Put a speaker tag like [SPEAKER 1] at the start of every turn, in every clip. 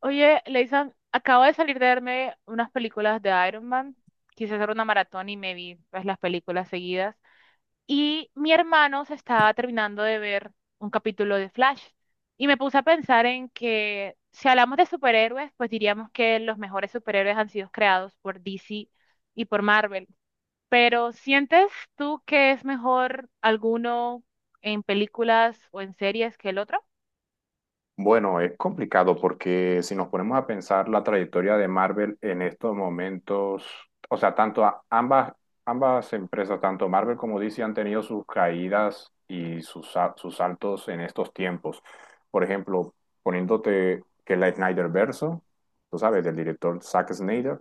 [SPEAKER 1] Oye, Leison, acabo de salir de verme unas películas de Iron Man. Quise hacer una maratón y me vi pues, las películas seguidas. Y mi hermano se estaba terminando de ver un capítulo de Flash. Y me puse a pensar en que si hablamos de superhéroes, pues diríamos que los mejores superhéroes han sido creados por DC y por Marvel. Pero ¿sientes tú que es mejor alguno en películas o en series que el otro?
[SPEAKER 2] Bueno, es complicado porque si nos ponemos a pensar la trayectoria de Marvel en estos momentos, o sea, ambas, ambas empresas, tanto Marvel como DC, han tenido sus caídas y sus saltos en estos tiempos. Por ejemplo, poniéndote que la Snyder Verso, tú sabes, del director Zack Snyder,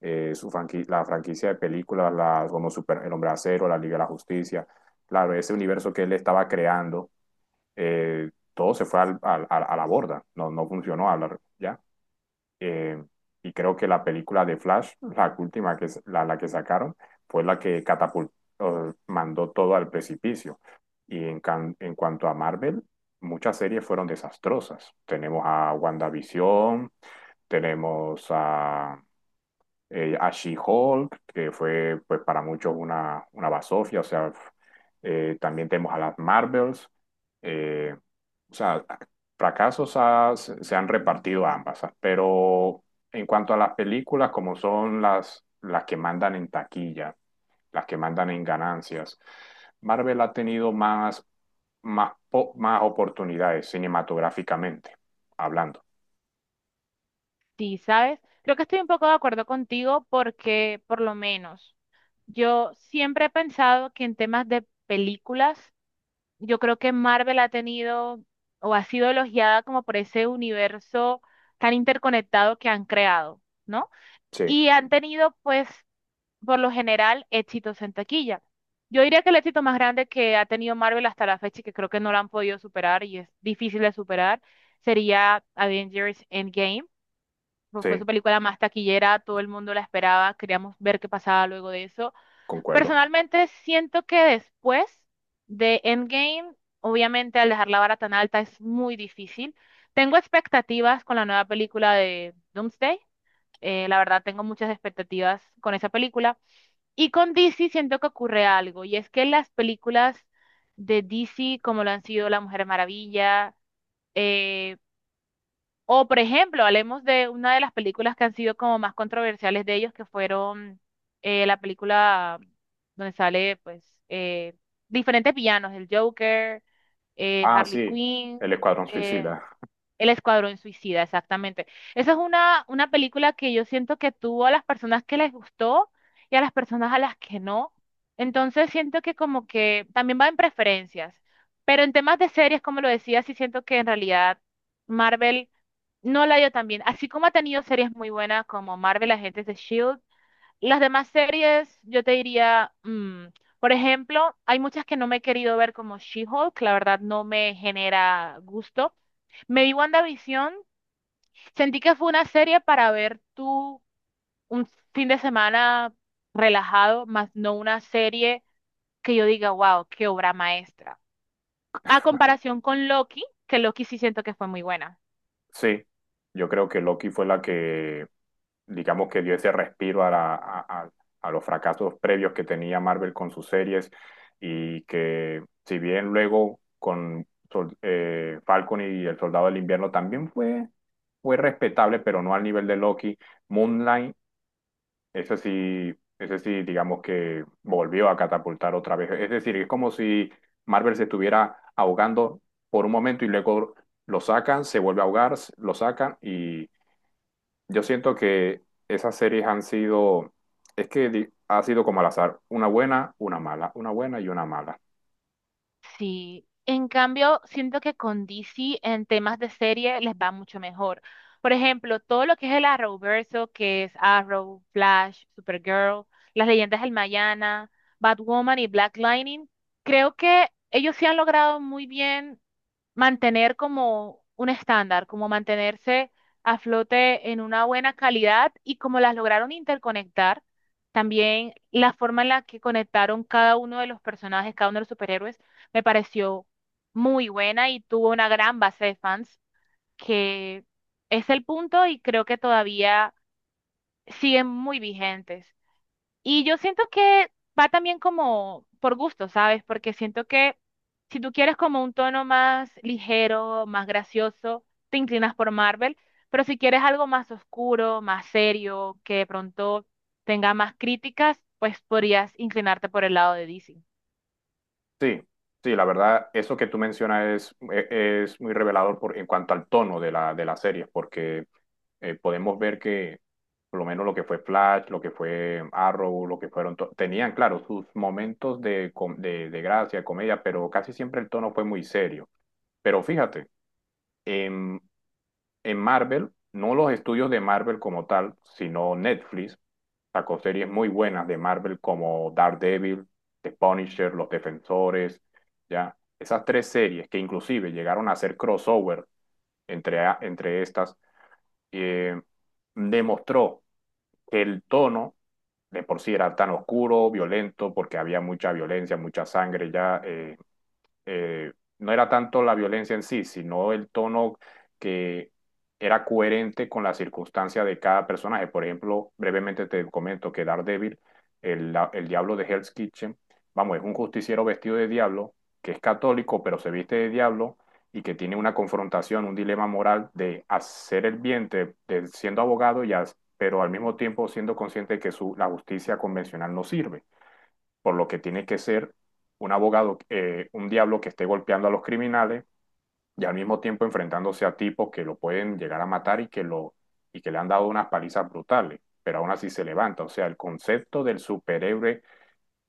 [SPEAKER 2] la franquicia de películas las, como Super, El Hombre de Acero, La Liga de la Justicia, claro, ese universo que él estaba creando todo se fue a la borda, no, no funcionó hablar ya. Eh, y creo que la película de Flash, la última que la que sacaron, fue la que catapultó, mandó todo al precipicio. En cuanto a Marvel, muchas series fueron desastrosas. Tenemos a WandaVision, tenemos a, a She-Hulk, que fue pues para muchos una basofia, o sea, también tenemos a las Marvels, eh, o sea, se han repartido ambas, ¿ah? Pero en cuanto a las películas, como son las que mandan en taquilla, las que mandan en ganancias, Marvel ha tenido más oportunidades cinematográficamente, hablando.
[SPEAKER 1] Sí, ¿sabes? Creo que estoy un poco de acuerdo contigo porque, por lo menos, yo siempre he pensado que en temas de películas, yo creo que Marvel ha tenido o ha sido elogiada como por ese universo tan interconectado que han creado, ¿no?
[SPEAKER 2] Sí,
[SPEAKER 1] Y han tenido, pues, por lo general, éxitos en taquilla. Yo diría que el éxito más grande que ha tenido Marvel hasta la fecha y que creo que no lo han podido superar y es difícil de superar, sería Avengers Endgame, fue
[SPEAKER 2] sí,
[SPEAKER 1] su película más taquillera, todo el mundo la esperaba, queríamos ver qué pasaba luego de eso.
[SPEAKER 2] concuerdo.
[SPEAKER 1] Personalmente siento que después de Endgame, obviamente al dejar la vara tan alta es muy difícil. Tengo expectativas con la nueva película de Doomsday. La verdad tengo muchas expectativas con esa película. Y con DC siento que ocurre algo, y es que las películas de DC, como lo han sido La Mujer Maravilla, eh, o, por ejemplo, hablemos de una de las películas que han sido como más controversiales de ellos, que fueron, la película donde sale, pues, diferentes villanos, el Joker,
[SPEAKER 2] Ah,
[SPEAKER 1] Harley
[SPEAKER 2] sí, El
[SPEAKER 1] Quinn,
[SPEAKER 2] Escuadrón
[SPEAKER 1] eh,
[SPEAKER 2] Suicida.
[SPEAKER 1] el Escuadrón Suicida, exactamente. Esa es una película que yo siento que tuvo a las personas que les gustó y a las personas a las que no. Entonces siento que como que también va en preferencias. Pero en temas de series, como lo decía, sí siento que en realidad Marvel no la dio tan bien. Así como ha tenido series muy buenas como Marvel, Agentes de Shield, las demás series yo te diría, por ejemplo, hay muchas que no me he querido ver como She-Hulk, la verdad no me genera gusto. Me vi WandaVision, sentí que fue una serie para ver tú un fin de semana relajado, más no una serie que yo diga, wow, qué obra maestra. A comparación con Loki, que Loki sí siento que fue muy buena.
[SPEAKER 2] Sí, yo creo que Loki fue la que digamos que dio ese respiro a, a los fracasos previos que tenía Marvel con sus series y que si bien luego con Falcon y El Soldado del Invierno también fue, fue respetable, pero no al nivel de Loki, Moonlight, ese sí, digamos que volvió a catapultar otra vez. Es decir, es como si Marvel se estuviera ahogando por un momento y luego lo sacan, se vuelve a ahogar, lo sacan y yo siento que esas series han sido, ha sido como al azar, una buena, una mala, una buena y una mala.
[SPEAKER 1] Sí, en cambio, siento que con DC en temas de serie les va mucho mejor. Por ejemplo, todo lo que es el Arrowverso, que es Arrow, Flash, Supergirl, las leyendas del Mañana, Batwoman y Black Lightning, creo que ellos sí han logrado muy bien mantener como un estándar, como mantenerse a flote en una buena calidad y como las lograron interconectar, también la forma en la que conectaron cada uno de los personajes, cada uno de los superhéroes, me pareció muy buena y tuvo una gran base de fans que es el punto y creo que todavía siguen muy vigentes. Y yo siento que va también como por gusto, ¿sabes? Porque siento que si tú quieres como un tono más ligero, más gracioso, te inclinas por Marvel, pero si quieres algo más oscuro, más serio, que de pronto tenga más críticas, pues podrías inclinarte por el lado de DC,
[SPEAKER 2] Sí, sí, la verdad, eso que tú mencionas es muy revelador por, en cuanto al tono de de la serie, porque podemos ver que por lo menos lo que fue Flash, lo que fue Arrow, lo que fueron, tenían, claro, sus momentos de gracia, de comedia, pero casi siempre el tono fue muy serio. Pero fíjate, en Marvel, no los estudios de Marvel como tal, sino Netflix sacó series muy buenas de Marvel como Daredevil, The Punisher, Los Defensores, ya. Esas tres series que inclusive llegaron a hacer crossover entre estas, eh, demostró que el tono de por sí era tan oscuro, violento, porque había mucha violencia, mucha sangre ya. Eh, no era tanto la violencia en sí, sino el tono que era coherente con la circunstancia de cada personaje. Por ejemplo, brevemente te comento que Daredevil, el diablo de Hell's Kitchen, vamos, es un justiciero vestido de diablo, que es católico, pero se viste de diablo y que tiene una confrontación, un dilema moral de hacer el bien, de siendo abogado, pero al mismo tiempo siendo consciente de que la justicia convencional no sirve por lo que tiene que ser un abogado, un diablo que esté golpeando a los criminales y al mismo tiempo enfrentándose a tipos que lo pueden llegar a matar y que le han dado unas palizas brutales, pero aún así se levanta. O sea, el concepto del superhéroe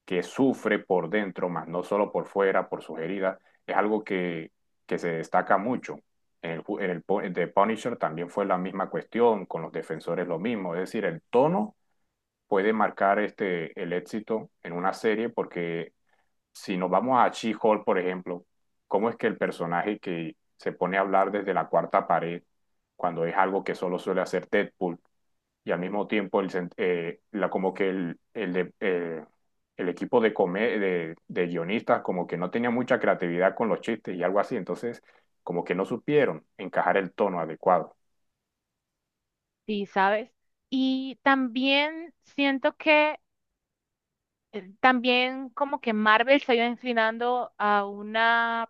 [SPEAKER 2] que sufre por dentro, más no solo por fuera, por sus heridas, es algo que se destaca mucho. En The Punisher también fue la misma cuestión, con los defensores lo mismo, es decir, el tono puede marcar este, el éxito en una serie porque si nos vamos a She-Hulk, por ejemplo, ¿cómo es que el personaje que se pone a hablar desde la cuarta pared, cuando es algo que solo suele hacer Deadpool, y al mismo tiempo como que el equipo de guionistas como que no tenía mucha creatividad con los chistes y algo así, entonces como que no supieron encajar el tono adecuado.
[SPEAKER 1] sí, ¿sabes? Y también siento que, también como que Marvel se ha ido inclinando a una,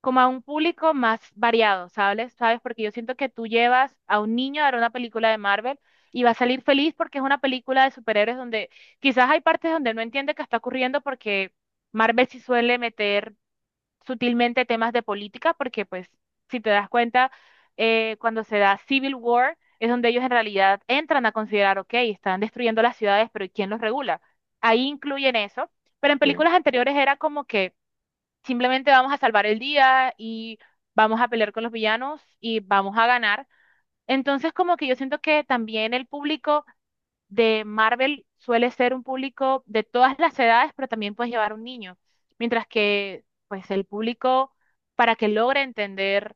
[SPEAKER 1] como a un público más variado, ¿sabes? ¿Sabes? Porque yo siento que tú llevas a un niño a ver una película de Marvel y va a salir feliz porque es una película de superhéroes donde quizás hay partes donde no entiende qué está ocurriendo porque Marvel sí suele meter sutilmente temas de política porque pues si te das cuenta, cuando se da Civil War es donde ellos en realidad entran a considerar, ok, están destruyendo las ciudades, pero ¿quién los regula? Ahí incluyen eso. Pero en
[SPEAKER 2] Sí,
[SPEAKER 1] películas anteriores era como que simplemente vamos a salvar el día y vamos a pelear con los villanos y vamos a ganar. Entonces, como que yo siento que también el público de Marvel suele ser un público de todas las edades, pero también puedes llevar un niño. Mientras que, pues, el público, para que logre entender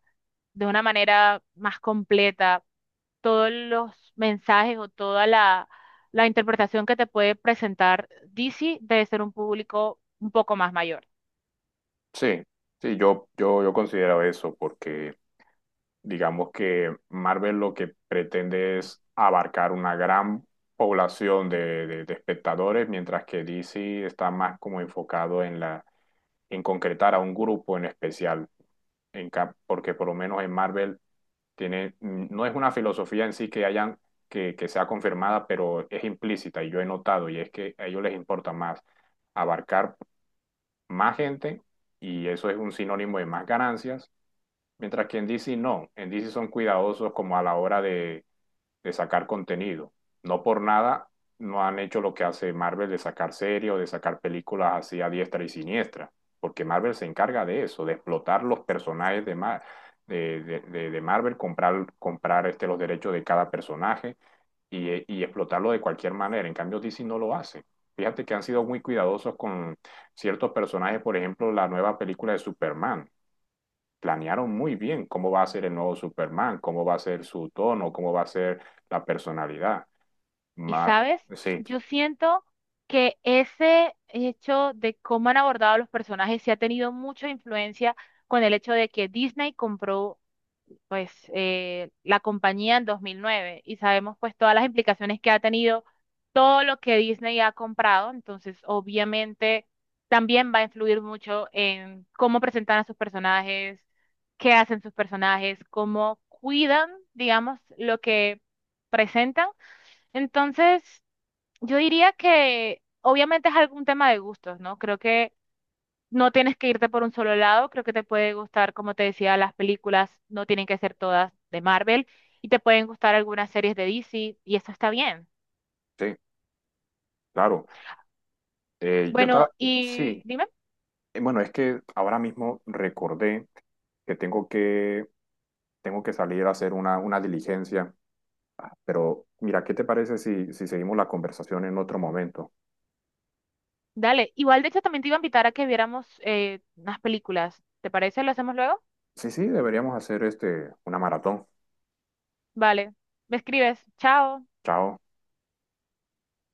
[SPEAKER 1] de una manera más completa todos los mensajes o toda la, la interpretación que te puede presentar DC debe ser un público un poco más mayor.
[SPEAKER 2] sí, sí, yo considero eso porque... digamos que Marvel lo que pretende es abarcar una gran población de espectadores, mientras que DC está más como enfocado en en concretar a un grupo en especial, porque por lo menos en Marvel tiene, no es una filosofía en sí que hayan, que sea confirmada, pero es implícita y yo he notado, y es que a ellos les importa más abarcar más gente y eso es un sinónimo de más ganancias. Mientras que en DC no, en DC son cuidadosos como a la hora de sacar contenido. No por nada no han hecho lo que hace Marvel de sacar series o de sacar películas así a diestra y siniestra, porque Marvel se encarga de eso, de explotar los personajes de, Mar de, Marvel, comprar este, los derechos de cada personaje y explotarlo de cualquier manera. En cambio, DC no lo hace. Fíjate que han sido muy cuidadosos con ciertos personajes, por ejemplo, la nueva película de Superman planearon muy bien cómo va a ser el nuevo Superman, cómo va a ser su tono, cómo va a ser la personalidad.
[SPEAKER 1] Y
[SPEAKER 2] Ma-
[SPEAKER 1] sabes,
[SPEAKER 2] sí,
[SPEAKER 1] yo siento que ese hecho de cómo han abordado a los personajes sí ha tenido mucha influencia con el hecho de que Disney compró pues, la compañía en 2009 y sabemos pues todas las implicaciones que ha tenido todo lo que Disney ha comprado, entonces obviamente también va a influir mucho en cómo presentan a sus personajes, qué hacen sus personajes, cómo cuidan, digamos, lo que presentan. Entonces, yo diría que obviamente es algún tema de gustos, ¿no? Creo que no tienes que irte por un solo lado, creo que te puede gustar, como te decía, las películas no tienen que ser todas de Marvel y te pueden gustar algunas series de DC y eso está bien.
[SPEAKER 2] sí, claro. Eh, yo
[SPEAKER 1] Bueno,
[SPEAKER 2] estaba,
[SPEAKER 1] y
[SPEAKER 2] sí.
[SPEAKER 1] dime,
[SPEAKER 2] Bueno, es que ahora mismo recordé que tengo que salir a hacer una diligencia, pero mira, ¿qué te parece si, si seguimos la conversación en otro momento?
[SPEAKER 1] dale, igual de hecho también te iba a invitar a que viéramos, unas películas, ¿te parece? ¿Lo hacemos luego?
[SPEAKER 2] Sí, sí, deberíamos hacer este, una maratón.
[SPEAKER 1] Vale, me escribes, chao.
[SPEAKER 2] Chao.